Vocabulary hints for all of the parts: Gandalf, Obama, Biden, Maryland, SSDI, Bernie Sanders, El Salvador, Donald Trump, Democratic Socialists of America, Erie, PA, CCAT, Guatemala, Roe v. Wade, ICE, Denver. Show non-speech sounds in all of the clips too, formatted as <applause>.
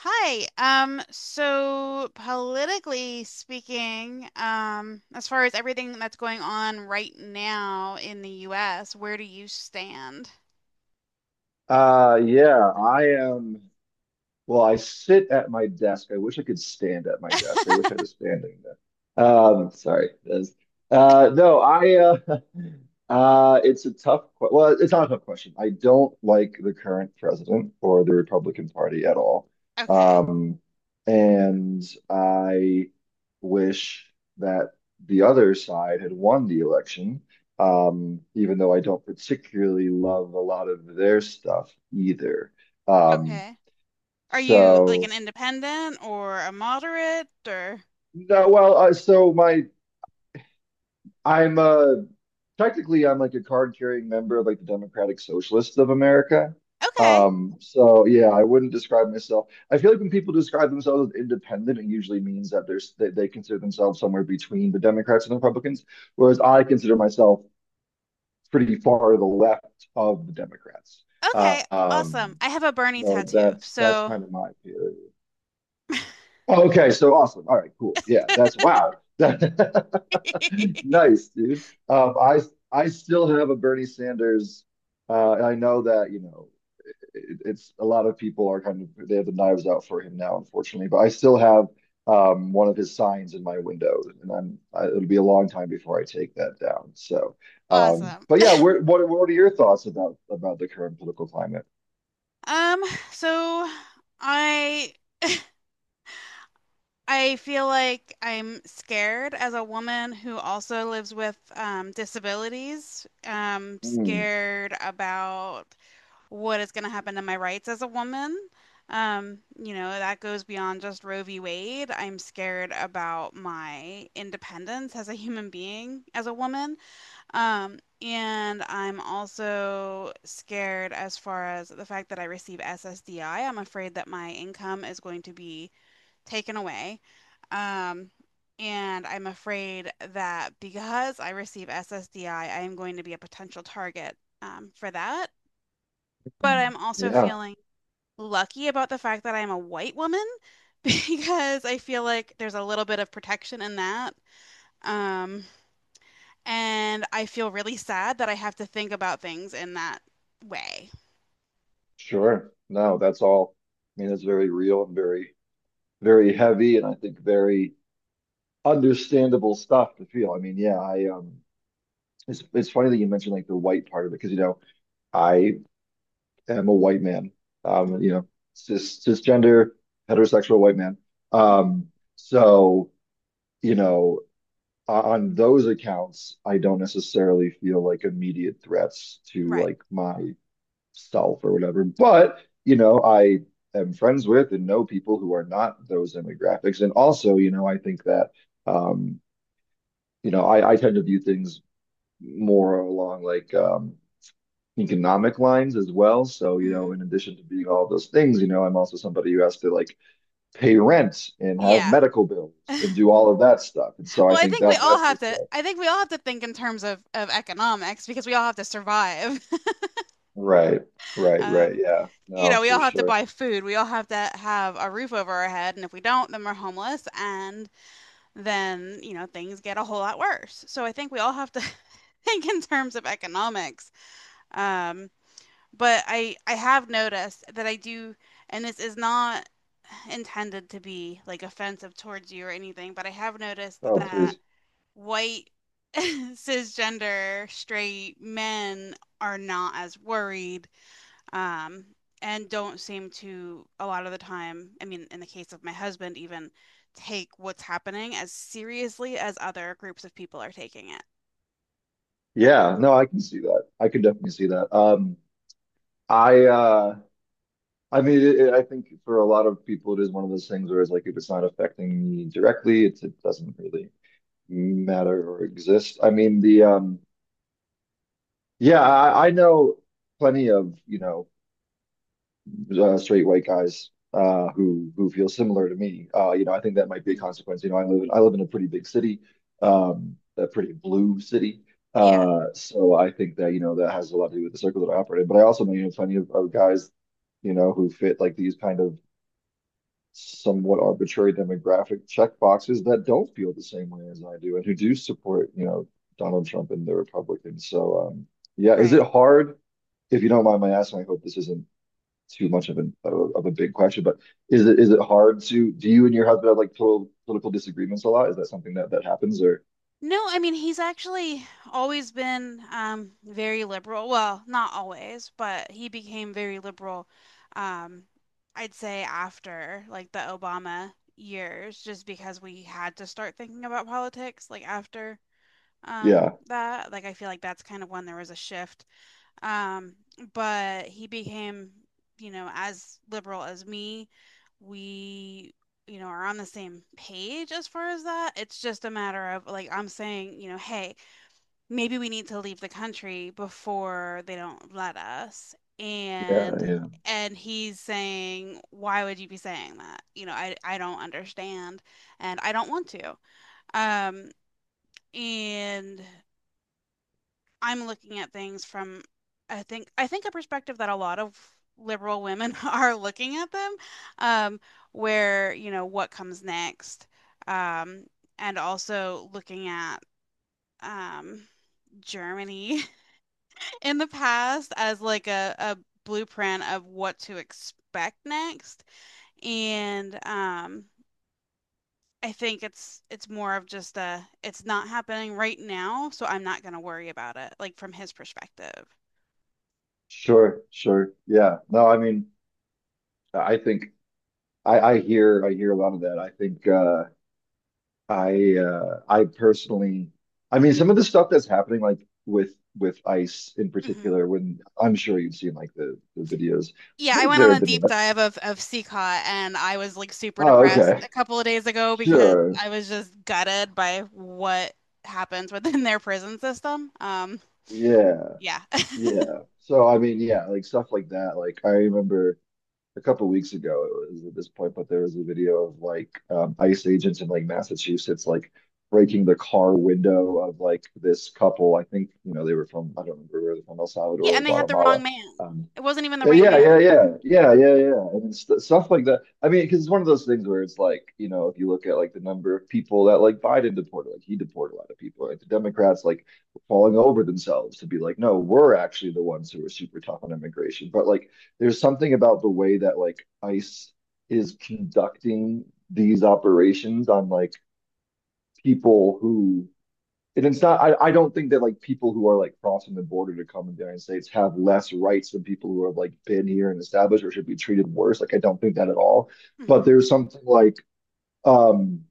Hi. So politically speaking, as far as everything that's going on right now in the US, where do you stand? Yeah, I am. Well, I sit at my desk. I wish I could stand at my desk. I wish I had a standing desk. Sorry. That's- no, I. <laughs> It's a tough. Que- Well, it's not a tough question. I don't like the current president or the Republican Party at all. Okay. Um, and I wish that the other side had won the election. Even though I don't particularly love a lot of their stuff either. Um, Okay. Are you like an so independent or a moderate or no, well, so my I'm Technically I'm like a card carrying member of like the Democratic Socialists of America. Okay. Yeah, I wouldn't describe myself. I feel like when people describe themselves as independent, it usually means that they consider themselves somewhere between the Democrats and the Republicans, whereas I consider myself pretty far to the left of the Democrats. Uh, Okay. um, Awesome. I have a Bernie so tattoo. that's So kind of my theory. Oh, okay, so awesome. All right, cool. Yeah, that's <laughs> wow. <laughs> Nice, dude. Um, I I still have a Bernie Sanders. And I know that, it, it's a lot of people are kind of they have the knives out for him now, unfortunately. But I still have one of his signs in my window, and it'll be a long time before I take that down. So, um, Awesome. but yeah, where, what are your thoughts about the current political climate? Um, so I I feel like I'm scared as a woman who also lives with disabilities. Mm, Scared about what is going to happen to my rights as a woman. You know, that goes beyond just Roe v. Wade. I'm scared about my independence as a human being, as a woman. And I'm also scared as far as the fact that I receive SSDI. I'm afraid that my income is going to be taken away. Um, and I'm afraid that because I receive SSDI, I am going to be a potential target for that. But mm, I'm also yeah. feeling lucky about the fact that I'm a white woman <laughs> because I feel like there's a little bit of protection in that. Um, and I feel really sad that I have to think about things in that way. Sure. No, that's all. I mean, it's very real and very, very heavy, and I think very understandable stuff to feel. I mean, yeah, I it's funny that you mentioned like the white part of it because you know I am a white man, you know, cisgender heterosexual white man. Um, so you know, on those accounts, I don't necessarily feel like immediate threats to Right. like my self or whatever. But, you know, I am friends with and know people who are not those demographics. And also, you know, I think that, um, you know, I tend to view things more along like economic lines as well. So, you know, Mhm. in addition to being all those things, you know, I'm also somebody who has to like pay rent and have Yeah. medical bills and <laughs> do all of that stuff. And so Well, I I think think we that all that's the have to. stuff. I think we all have to think in terms of economics because we all have to survive. <laughs> Right, right, right. Um, Yeah, you no, know, we for all have to sure. buy food. We all have to have a roof over our head, and if we don't, then we're homeless, and then you know things get a whole lot worse. So I think we all have to <laughs> think in terms of economics. Um, but I have noticed that I do, and this is not intended to be like offensive towards you or anything, but I have noticed Oh, that please. white <laughs> cisgender straight men are not as worried um, and don't seem to a lot of the time I mean in the case of my husband even take what's happening as seriously as other groups of people are taking it. Yeah, no, I can see that. I can definitely see that. I uh I mean I think for a lot of people it is one of those things where it's like if it's not affecting me directly, it doesn't really matter or exist. I mean the Yeah, I know plenty of, you know, straight white guys who feel similar to me. You know, I think that might be a Mhm. consequence. I live in a pretty big city, a pretty blue city. Yeah. So I think that, you know, that has a lot to do with the circle that I operate in. But I also know, you know, plenty of guys you know, who fit like these kind of somewhat arbitrary demographic checkboxes that don't feel the same way as I do and who do support, you know, Donald Trump and the Republicans. Yeah, is Right. it hard? If you don't mind my asking, I hope this isn't too much of an of of a big question, but is it hard to do you and your husband have like total political disagreements a lot? Is that something that that happens or No, I mean he's actually always been very liberal. Well, not always, but he became very liberal. Um, I'd say after like the Obama years, just because we had to start thinking about politics. Like after yeah, that, like I feel like that's kind of when there was a shift um, but he became, you know, as liberal as me. We, you know, are on the same page as far as that. It's just a matter of like I'm saying, you know, hey, maybe we need to leave the country before they don't let us. yeah, And yeah. and he's saying, why would you be saying that? You know, I don't understand and I don't want to. Um, and I'm looking at things from I think a perspective that a lot of liberal women <laughs> are looking at them, um, where, you know, what comes next, um, and also looking at um, Germany <laughs> in the past as like a blueprint of what to expect next. And I think it's more of just a it's not happening right now, so I'm not gonna worry about it, like from his perspective. Sure, sure. Yeah. No, I mean, I think I hear a lot of that. I personally I mean some of the stuff that's happening like with ICE in Hmm. particular when I'm sure you've seen like the videos. Yeah, I I think went on there a have been deep less. dive of CCAT and I was like super Oh, depressed okay. a couple of days ago because Sure. I was just gutted by what happens within <laughs> their prison system. Yeah. Yeah. <laughs> Yeah. So I mean, yeah, like stuff like that. Like I remember a couple weeks ago it was at this point, but there was a video of like ICE agents in like Massachusetts like breaking the car window of like this couple. I think, you know, they were from I don't remember where they were from El Yeah, Salvador or and they had the Guatemala. wrong man. Um, It wasn't even the right Yeah, man that yeah, they were yeah, yeah, after. yeah, yeah, yeah. and st stuff like that. I mean, because it's one of those things where it's like, you know, if you look at like the number of people that like Biden deported, like he deported a lot of people, like the Democrats like falling over themselves to be like, no, we're actually the ones who are super tough on immigration. But like, there's something about the way that like ICE is conducting these operations on like people who and it's not I don't think that like people who are like crossing the border to come in the United States have less rights than people who have like been here and established or should be treated worse. Like I don't think that at all. But Hmm. there's something um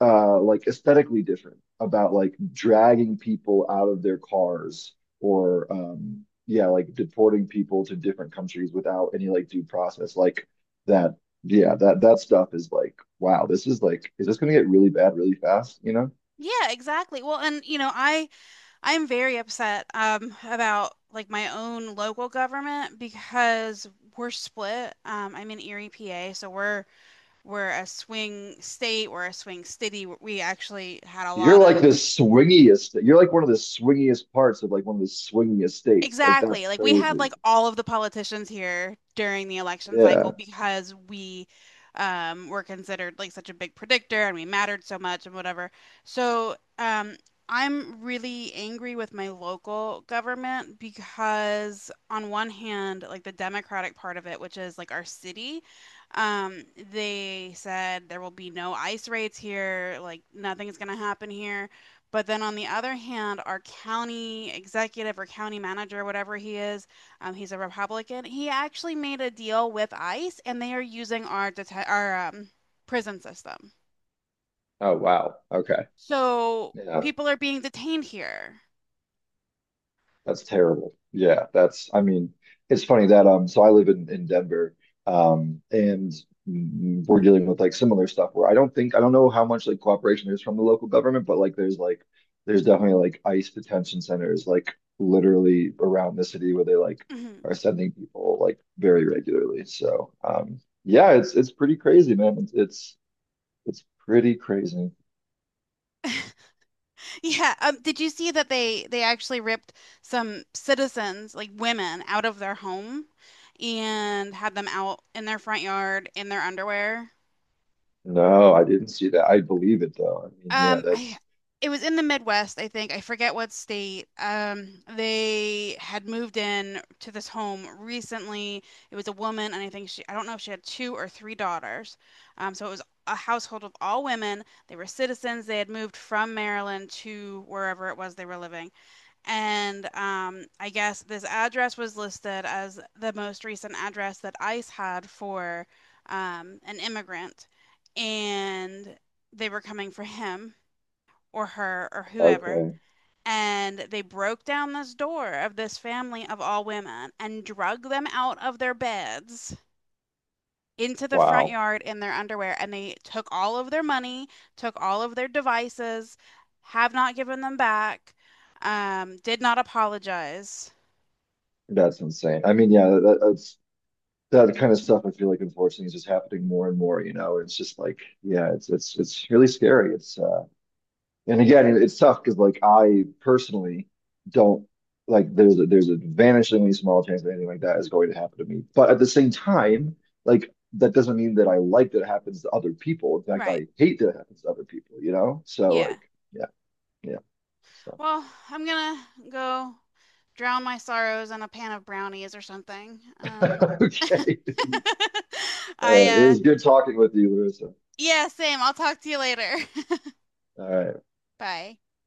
like aesthetically different about like dragging people out of their cars or yeah, like deporting people to different countries without any like due process. Like that, yeah, that that stuff is like, wow, this is like, is this gonna get really bad really fast, you know? Yeah, exactly. Well, and you know, I I'm very upset about like my own local government because we're split. I'm in Erie, PA, so we're a swing state, we're a swing city. We actually had a You're lot like of the swingiest. You're like one of the swingiest parts of like one of the swingiest states. Like that's Exactly. Like we had crazy. like all of the politicians here during the election cycle Yeah. because we were considered like such a big predictor and we mattered so much and whatever. So, I'm really angry with my local government because on one hand, like the Democratic part of it, which is like our city, um they said there will be no ICE raids here, like nothing's going to happen here. But then on the other hand, our county executive or county manager, whatever he is, he's a Republican. He actually made a deal with ICE, and they are using our prison system. Oh wow. Okay. So Yeah. people are being detained here. That's terrible. Yeah, that's, I mean, it's funny that so I live in Denver and we're dealing with like similar stuff where I don't know how much like cooperation there's from the local government, but like there's definitely like ICE detention centers like literally around the city where they like Mhm. are sending people like very regularly. Yeah, it's pretty crazy, man. It's pretty crazy. <laughs> Yeah. Did you see that they actually ripped some citizens, like women, out of their home and had them out in their front yard in their underwear? No, I didn't see that. I believe it though. I mean, yeah, I that's It was in the Midwest, I think. I forget what state. They had moved in to this home recently. It was a woman, and I think she, I don't know if she had two or three daughters. So it was a household of all women. They were citizens. They had moved from Maryland to wherever it was they were living. And I guess this address was listed as the most recent address that ICE had for an immigrant. And they were coming for him or her or whoever, okay. and they broke down this door of this family of all women and drug them out of their beds into the front Wow. yard in their underwear and they took all of their money, took all of their devices, have not given them back, did not apologize. That's insane. I mean, yeah, that's that kind of stuff. I feel like unfortunately is just happening more and more. You know, it's just like, yeah, it's really scary. It's And again, it's tough because like I personally don't like there's there's a vanishingly small chance that anything like that is going to happen to me. But at the same time, like that doesn't mean that I like that it happens to other people. In fact, Right. I hate that it happens to other people. You know, so Yeah. like, yeah, yeah. So Well, I'm gonna go drown my sorrows in a pan of brownies or something. <laughs> Okay, <laughs> all I right. It was good talking with you, Larissa. Yeah, same. I'll talk to you later. All right. <laughs> Bye.